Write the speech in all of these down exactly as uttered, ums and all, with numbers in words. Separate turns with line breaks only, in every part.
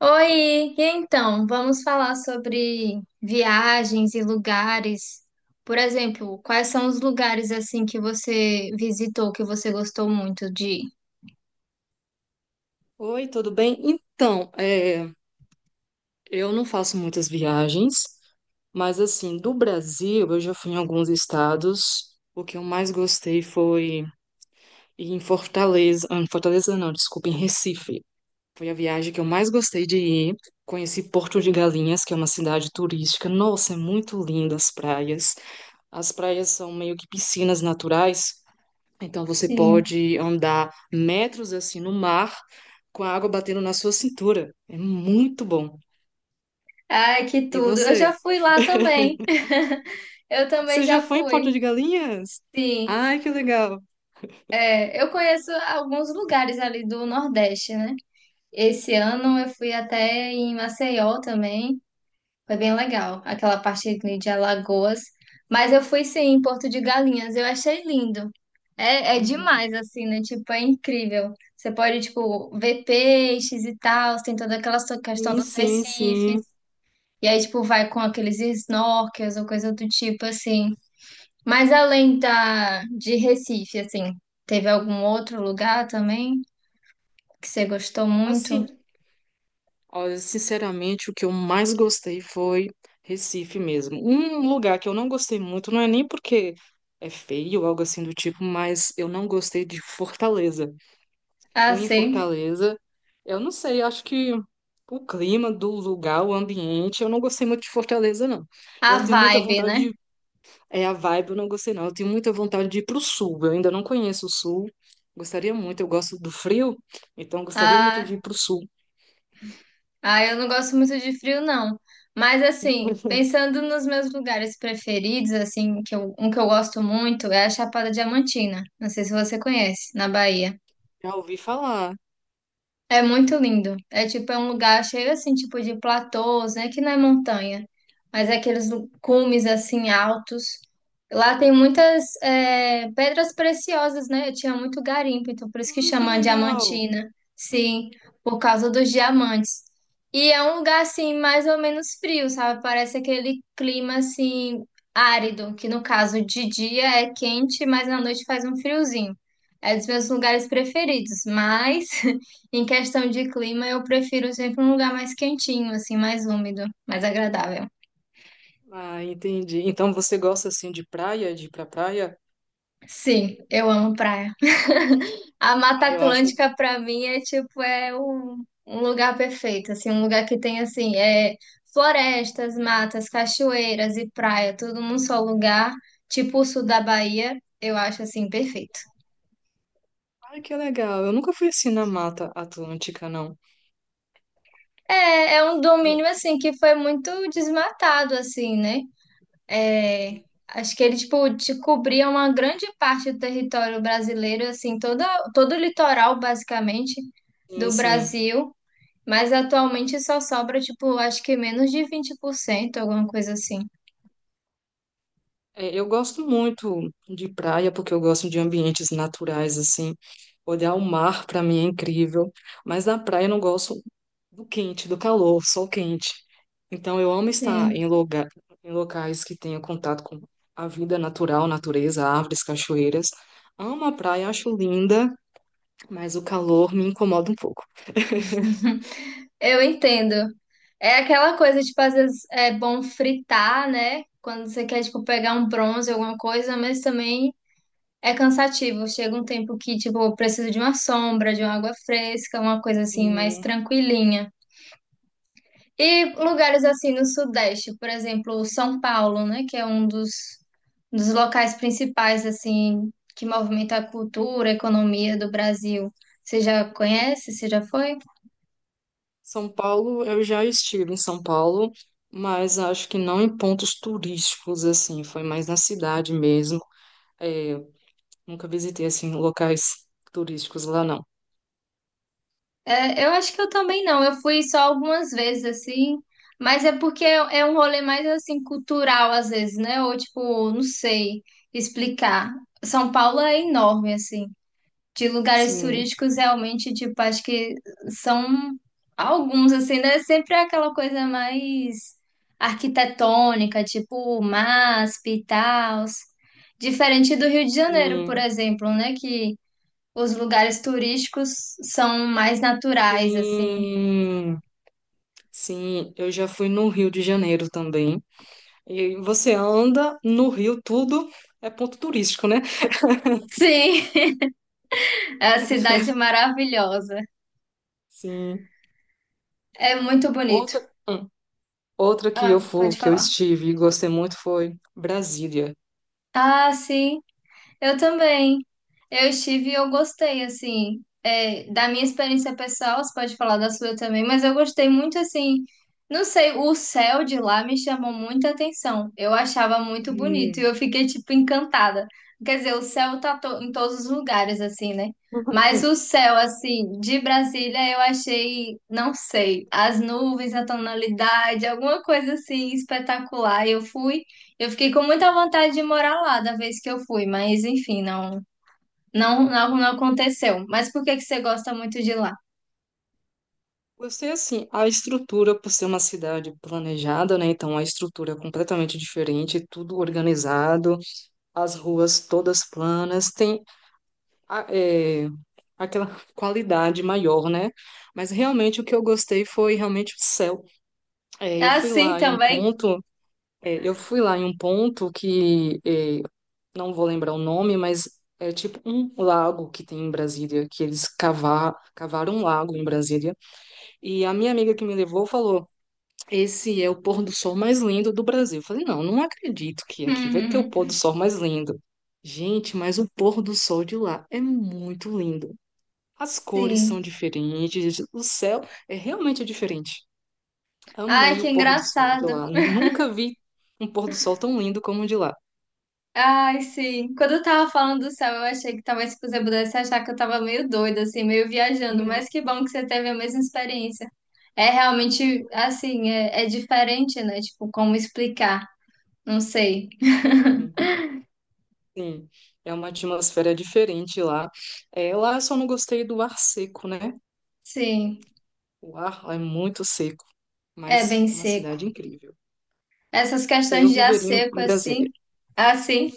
Oi, e então, vamos falar sobre viagens e lugares. Por exemplo, quais são os lugares assim que você visitou, que você gostou muito de ir?
Oi, tudo bem? Então, é, eu não faço muitas viagens, mas assim, do Brasil eu já fui em alguns estados. O que eu mais gostei foi ir em Fortaleza, ah, em Fortaleza não, desculpa, em Recife. Foi a viagem que eu mais gostei de ir. Conheci Porto de Galinhas, que é uma cidade turística. Nossa, é muito linda as praias. As praias são meio que piscinas naturais, então você
Sim.
pode andar metros assim no mar com a água batendo na sua cintura. É muito bom.
Ai, que
E
tudo. Eu já
você?
fui lá também. Eu também
Você já
já
foi em Porto de
fui.
Galinhas?
Sim.
Ai, que legal.
É, eu conheço alguns lugares ali do Nordeste, né? Esse ano eu fui até em Maceió também. Foi bem legal, aquela parte ali de Alagoas. Mas eu fui sim em Porto de Galinhas, eu achei lindo. É, é demais, assim, né? Tipo, é incrível. Você pode, tipo, ver peixes e tal, tem toda aquela so- questão
Sim,
dos
sim,
recifes.
sim.
E aí, tipo, vai com aqueles snorkels ou coisa do tipo, assim. Mas além da, de Recife, assim, teve algum outro lugar também que você gostou muito?
Assim, olha, sinceramente, o que eu mais gostei foi Recife mesmo. Um lugar que eu não gostei muito, não é nem porque é feio ou algo assim do tipo, mas eu não gostei de Fortaleza.
Ah,
Fui em
sim.
Fortaleza. Eu não sei, acho que o clima do lugar, o ambiente, eu não gostei muito de Fortaleza, não. Eu
A
tenho muita
vibe,
vontade
né?
de. É a vibe, eu não gostei, não. Eu tenho muita vontade de ir pro sul. Eu ainda não conheço o sul. Gostaria muito, eu gosto do frio, então gostaria muito de
Ah.
ir pro sul.
Ah, eu não gosto muito de frio, não. Mas assim, pensando nos meus lugares preferidos, assim, que eu- um que eu gosto muito é a Chapada Diamantina. Não sei se você conhece, na Bahia.
Já ouvi falar.
É muito lindo. É tipo, é um lugar cheio assim, tipo de platôs, né? Que não é montanha, mas é aqueles lu- cumes assim altos. Lá tem muitas é, pedras preciosas, né? Eu tinha muito garimpo, então por isso que
Hum, que
chama
legal.
Diamantina. Sim, por causa dos diamantes. E é um lugar assim, mais ou menos frio, sabe? Parece aquele clima assim árido, que no caso de dia é quente, mas na noite faz um friozinho. É dos meus lugares preferidos, mas Em questão de clima, eu prefiro sempre um lugar mais quentinho, assim, mais úmido, mais agradável.
Ah, entendi. Então você gosta assim de praia, de ir pra praia?
Sim, eu amo praia. A Mata
Ah, eu acho.
Atlântica pra mim é tipo é um, um lugar perfeito, assim, um lugar que tem assim, é florestas, matas, cachoeiras e praia, tudo num só lugar, tipo o sul da Bahia, eu acho assim perfeito.
Ah, que legal. Eu nunca fui assim na Mata Atlântica, não.
É, é um domínio
Eu...
assim que foi muito desmatado assim, né? É, acho que ele, tipo, te cobria uma grande parte do território brasileiro, assim, toda, todo o litoral, basicamente,
Sim,
do
sim.
Brasil, mas atualmente só sobra, tipo, acho que menos de vinte por cento, alguma coisa assim.
É, eu gosto muito de praia porque eu gosto de ambientes naturais, assim. Olhar o mar para mim é incrível, mas na praia eu não gosto do quente, do calor, sol quente. Então eu amo estar
Sim.
em lugar, em locais que tenha contato com a vida natural, natureza, árvores, cachoeiras. Amo a praia, acho linda, mas o calor me incomoda um pouco.
Eu entendo. É aquela coisa, tipo, às vezes é bom fritar, né? Quando você quer, tipo, pegar um bronze, alguma coisa, mas também é cansativo. Chega um tempo que, tipo, eu preciso de uma sombra, de uma água fresca, uma coisa assim, mais
Sim.
tranquilinha. E lugares assim no Sudeste, por exemplo, São Paulo, né, que é um dos, dos locais principais assim que movimenta a cultura, a economia do Brasil. Você já conhece? Você já foi?
São Paulo, eu já estive em São Paulo, mas acho que não em pontos turísticos, assim, foi mais na cidade mesmo. É, nunca visitei, assim, locais turísticos lá, não.
É, eu acho que eu também não. Eu fui só algumas vezes assim, mas é porque é é um rolê mais assim cultural às vezes, né? Ou tipo, não sei explicar. São Paulo é enorme assim. De lugares
Sim,
turísticos realmente, tipo, acho que são alguns, assim, né? Sempre é aquela coisa mais arquitetônica, tipo MASP e tal. Diferente do Rio de Janeiro, por
sim,
exemplo, né? Que os lugares turísticos são mais naturais, assim.
sim, sim, eu já fui no Rio de Janeiro também. E você anda no Rio, tudo é ponto turístico, né?
Sim, é a cidade maravilhosa.
Sim.
É muito bonito.
Outra, hum, outra que eu
Ah,
fui,
pode
que eu
falar.
estive e gostei muito foi Brasília.
Ah, sim. Eu também. Eu estive e eu gostei, assim, é, da minha experiência pessoal, você pode falar da sua também, mas eu gostei muito, assim, não sei, o céu de lá me chamou muita atenção. Eu achava muito bonito e
Sim.
eu fiquei, tipo, encantada. Quer dizer, o céu tá to- em todos os lugares, assim, né? Mas o céu, assim, de Brasília, eu achei, não sei, as nuvens, a tonalidade, alguma coisa, assim, espetacular. Eu fui. Eu fiquei com muita vontade de morar lá da vez que eu fui, mas enfim, não, não, não, não aconteceu. Mas por que que você gosta muito de lá?
Gostei assim, a estrutura, por ser uma cidade planejada, né? Então a estrutura é completamente diferente, tudo organizado, as ruas todas planas, tem a- é, aquela qualidade maior, né? Mas realmente o que eu gostei foi realmente o céu. É, eu
Ah,
fui
sim,
lá em um
também?
ponto, é, eu fui lá em um ponto que é, não vou lembrar o nome, mas é tipo um lago que tem em Brasília, que eles cavar, cavaram um lago em Brasília. E a minha amiga que me levou falou: esse é o pôr do sol mais lindo do Brasil. Eu falei, não, não acredito que aqui vai ter o pôr do sol mais lindo. Gente, mas o pôr do sol de lá é muito lindo. As cores
Sim.
são diferentes, o céu é realmente diferente.
Ai,
Amei
que
o pôr do sol de
engraçado.
lá. Nunca vi um pôr do sol tão lindo como o de lá.
Ai, sim. Quando eu tava falando do céu, eu achei que talvez se você pudesse achar que eu tava meio doida, assim, meio viajando,
Mesmo.
mas que bom que você teve a mesma experiência. É realmente, assim, é, é diferente, né? Tipo, como explicar? Não sei.
Sim, é uma atmosfera diferente lá. É, lá eu só não gostei do ar seco, né?
Sim,
O ar lá é muito seco,
é
mas
bem
uma
seco.
cidade incrível.
Essas
Eu
questões de ar
viveria em
seco,
em
assim,
Brasília.
assim,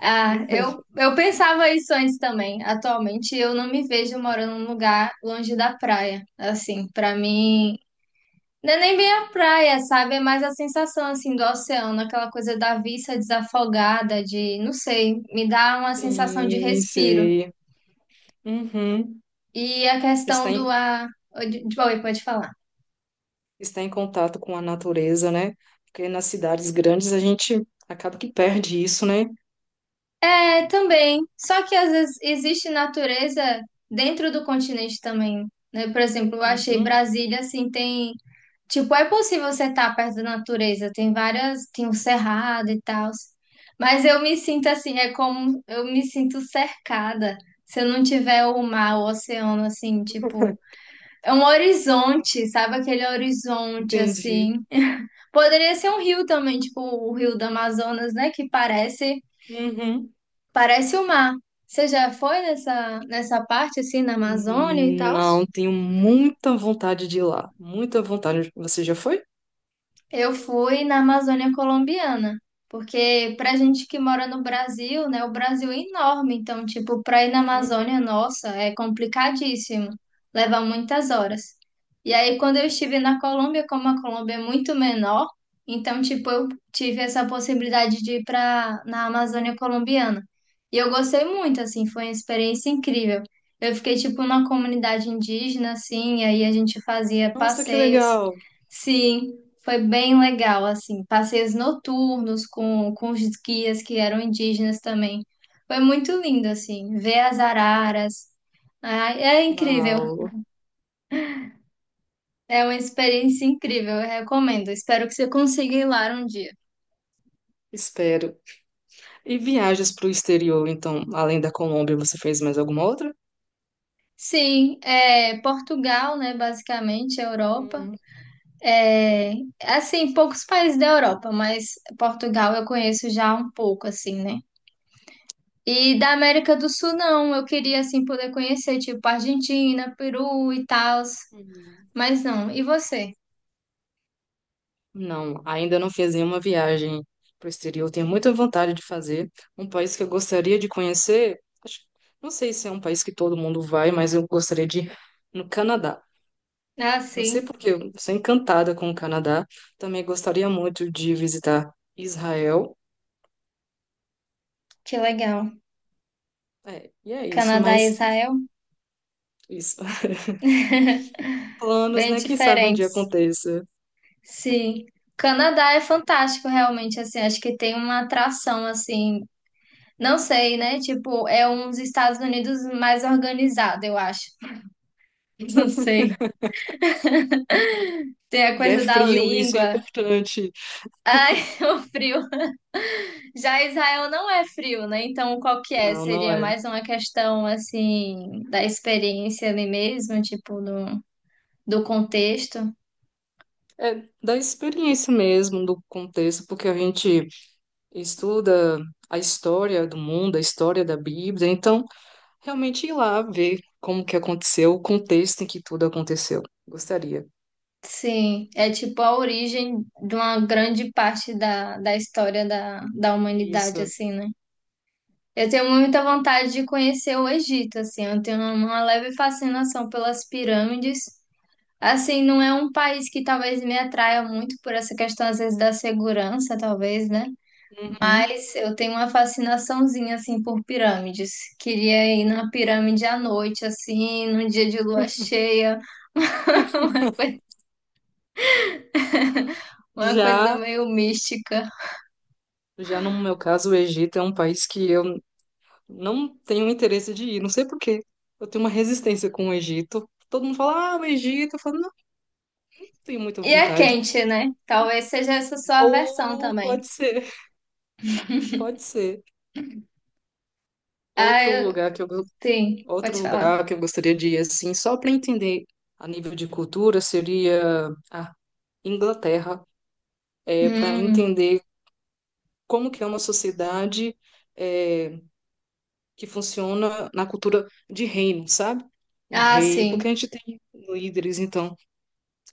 ah, eu, eu pensava isso antes também. Atualmente, eu não me vejo morando num lugar longe da praia, assim, pra mim, não é nem bem a praia, sabe? É mais a sensação, assim, do oceano, aquela coisa da vista desafogada, de, não sei, me dá uma sensação de
Sim,
respiro.
sei. Uhum.
E a
Está
questão do
em,
ar... de- de- Oi, pode falar.
está em contato com a natureza, né? Porque nas cidades grandes a gente acaba que perde isso, né?
É, também. Só que às vezes existe natureza dentro do continente também, né? Por exemplo, eu achei
Uhum.
Brasília assim, tem, tipo, é possível você estar perto da natureza, tem várias, tem o cerrado e tal. Mas eu me sinto assim, é como eu me sinto cercada. Se eu não tiver o mar, o oceano assim, tipo, é um horizonte, sabe? Aquele horizonte
Entendi.
assim. Poderia ser um rio também, tipo o Rio do Amazonas, né, que parece
Uhum.
Parece o mar. Você já foi nessa, nessa parte assim na Amazônia e tal?
Não, tenho muita vontade de ir lá. Muita vontade. Você já foi?
Eu fui na Amazônia colombiana, porque pra gente que mora no Brasil, né, o Brasil é enorme, então, tipo, pra ir na
Uhum.
Amazônia, nossa, é complicadíssimo, leva muitas horas. E aí, quando eu estive na Colômbia, como a Colômbia é muito menor, então, tipo, eu tive essa possibilidade de ir pra, na Amazônia colombiana. E eu gostei muito, assim, foi uma experiência incrível. Eu fiquei, tipo, na comunidade indígena, assim, e aí a gente fazia
Nossa, que
passeios.
legal.
Sim. Foi bem legal, assim, passeios noturnos com, com os guias que eram indígenas também. Foi muito lindo, assim, ver as araras. Ah, é incrível,
Uau,
é uma experiência incrível, eu recomendo. Espero que você consiga ir lá um dia.
espero. E viagens para o exterior, então, além da Colômbia, você fez mais alguma outra?
Sim, é Portugal, né, basicamente, Europa. É, assim, poucos países da Europa, mas Portugal eu conheço já um pouco, assim, né? E da América do Sul, não. Eu queria, assim, poder conhecer, tipo, Argentina, Peru e tal.
Uhum.
Mas não. E você?
Não, ainda não fiz nenhuma viagem para o exterior. Tenho muita vontade de fazer. Um país que eu gostaria de conhecer, acho- não sei se é um país que todo mundo vai, mas eu gostaria de ir no Canadá.
Ah,
Não sei
sim.
porque eu sou encantada com o Canadá. Também gostaria muito de visitar Israel.
Que legal.
É, e é isso,
Canadá e
mas
Israel?
isso. Planos,
Bem
né? Quem sabe um dia
diferentes.
aconteça.
Sim. Canadá é fantástico, realmente, assim, acho que tem uma atração, assim, não sei, né? Tipo, é uns Estados Unidos mais organizado, eu acho. Não sei. Tem a
E é
coisa da
frio, isso é
língua.
importante.
Ai, o frio. Já Israel não é frio, né? Então, qual que é?
Não, não
Seria
é.
mais uma questão, assim, da experiência ali mesmo, tipo, do, do contexto.
É da experiência mesmo, do contexto, porque a gente estuda a história do mundo, a história da Bíblia, então realmente ir lá ver como que aconteceu, o contexto em que tudo aconteceu. Gostaria.
Sim, é tipo a origem de uma grande parte da, da, história da, da humanidade,
Isso.
assim, né? Eu tenho muita vontade de conhecer o Egito, assim, eu tenho uma leve fascinação pelas pirâmides. Assim, não é um país que talvez me atraia muito por essa questão, às vezes, da segurança, talvez, né?
Uhum.
Mas eu tenho uma fascinaçãozinha assim por pirâmides. Queria ir na pirâmide à noite, assim, num dia de lua cheia, uma coisa, uma coisa
Já,
meio mística.
já no meu caso, o Egito é um país que eu não tenho interesse de ir, não sei por quê. Eu tenho uma resistência com o Egito. Todo mundo fala, ah, o Egito. Eu falo, não, não tenho muita
E é
vontade.
quente, né? Talvez seja essa sua versão
Ou
também.
pode ser, pode ser.
Ah,
Outro
eu...
lugar que eu
sim,
Outro
pode falar.
lugar que eu gostaria de ir, assim, só para entender a nível de cultura, seria a Inglaterra, é, para
Hum.
entender como que é uma sociedade é, que funciona na cultura de reino, sabe? Um
Ah,
rei, porque
sim.
a gente tem líderes, então,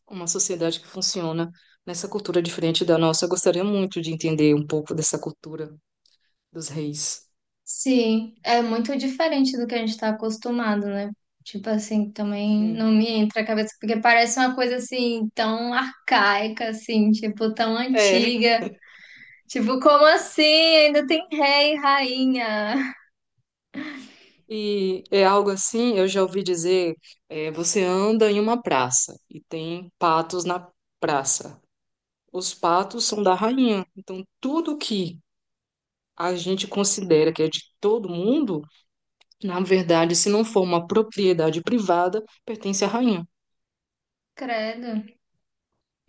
uma sociedade que funciona nessa cultura diferente da nossa. Eu gostaria muito de entender um pouco dessa cultura dos reis.
Sim, é muito diferente do que a gente está acostumado, né? Tipo assim, também
Sim.
não me entra a cabeça, porque parece uma coisa assim, tão arcaica, assim, tipo, tão
É,
antiga. Tipo, como assim? Ainda tem rei e rainha.
e é algo assim, eu já ouvi dizer, é, você anda em uma praça e tem patos na praça. Os patos são da rainha. Então, tudo que a gente considera que é de todo mundo, na verdade, se não for uma propriedade privada, pertence à rainha.
Credo.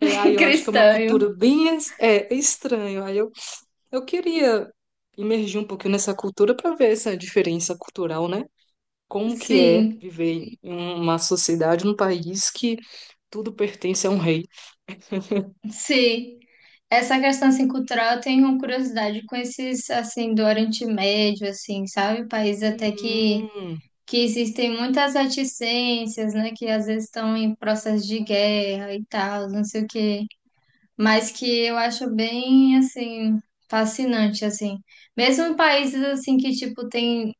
É, aí eu acho que é uma
Cristão.
cultura bem es- é, estranha. Aí eu, eu queria imergir um pouquinho nessa cultura para ver essa diferença cultural, né? Como que é
Sim,
viver em uma sociedade, num país que tudo pertence a um rei.
sim. Essa questão assim, cultural, eu tenho curiosidade com esses, assim, do Oriente Médio, assim, sabe? Países até que
Hum,
que existem muitas reticências, né, que às vezes estão em processo de guerra e tal, não sei o quê, mas que eu acho bem, assim, fascinante, assim. Mesmo em países, assim, que, tipo, tem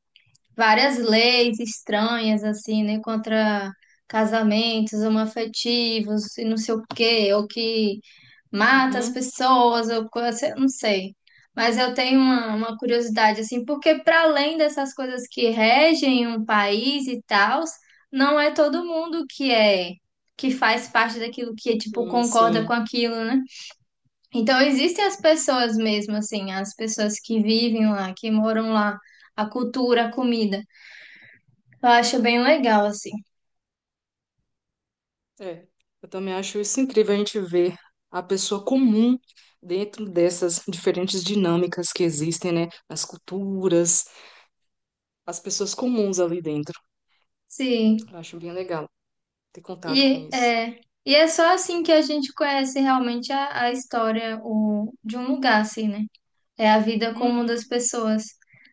várias leis estranhas, assim, né, contra casamentos homoafetivos e não sei o quê, ou que mata as
uhum,
pessoas, ou coisa, eu não sei. Mas eu tenho uma, uma, curiosidade, assim, porque para além dessas coisas que regem um país e tal, não é todo mundo que é, que faz parte daquilo que, tipo,
sim,
concorda
sim.
com aquilo, né? Então existem as pessoas mesmo, assim, as pessoas que vivem lá, que moram lá, a cultura, a comida. Eu acho bem legal, assim.
É, eu também acho isso incrível a gente ver a pessoa comum dentro dessas diferentes dinâmicas que existem, né? As culturas, as pessoas comuns ali dentro.
Sim.
Eu acho bem legal ter contato com
E
isso.
é, e é só assim que a gente conhece realmente a, a história o, de um lugar, assim, né? É a vida
Uhum,
comum das pessoas.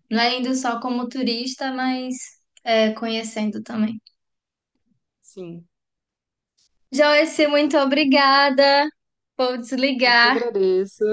Não é indo só como turista, mas é, conhecendo também.
sim,
Joyce, muito obrigada. Vou
eu que
desligar.
agradeço.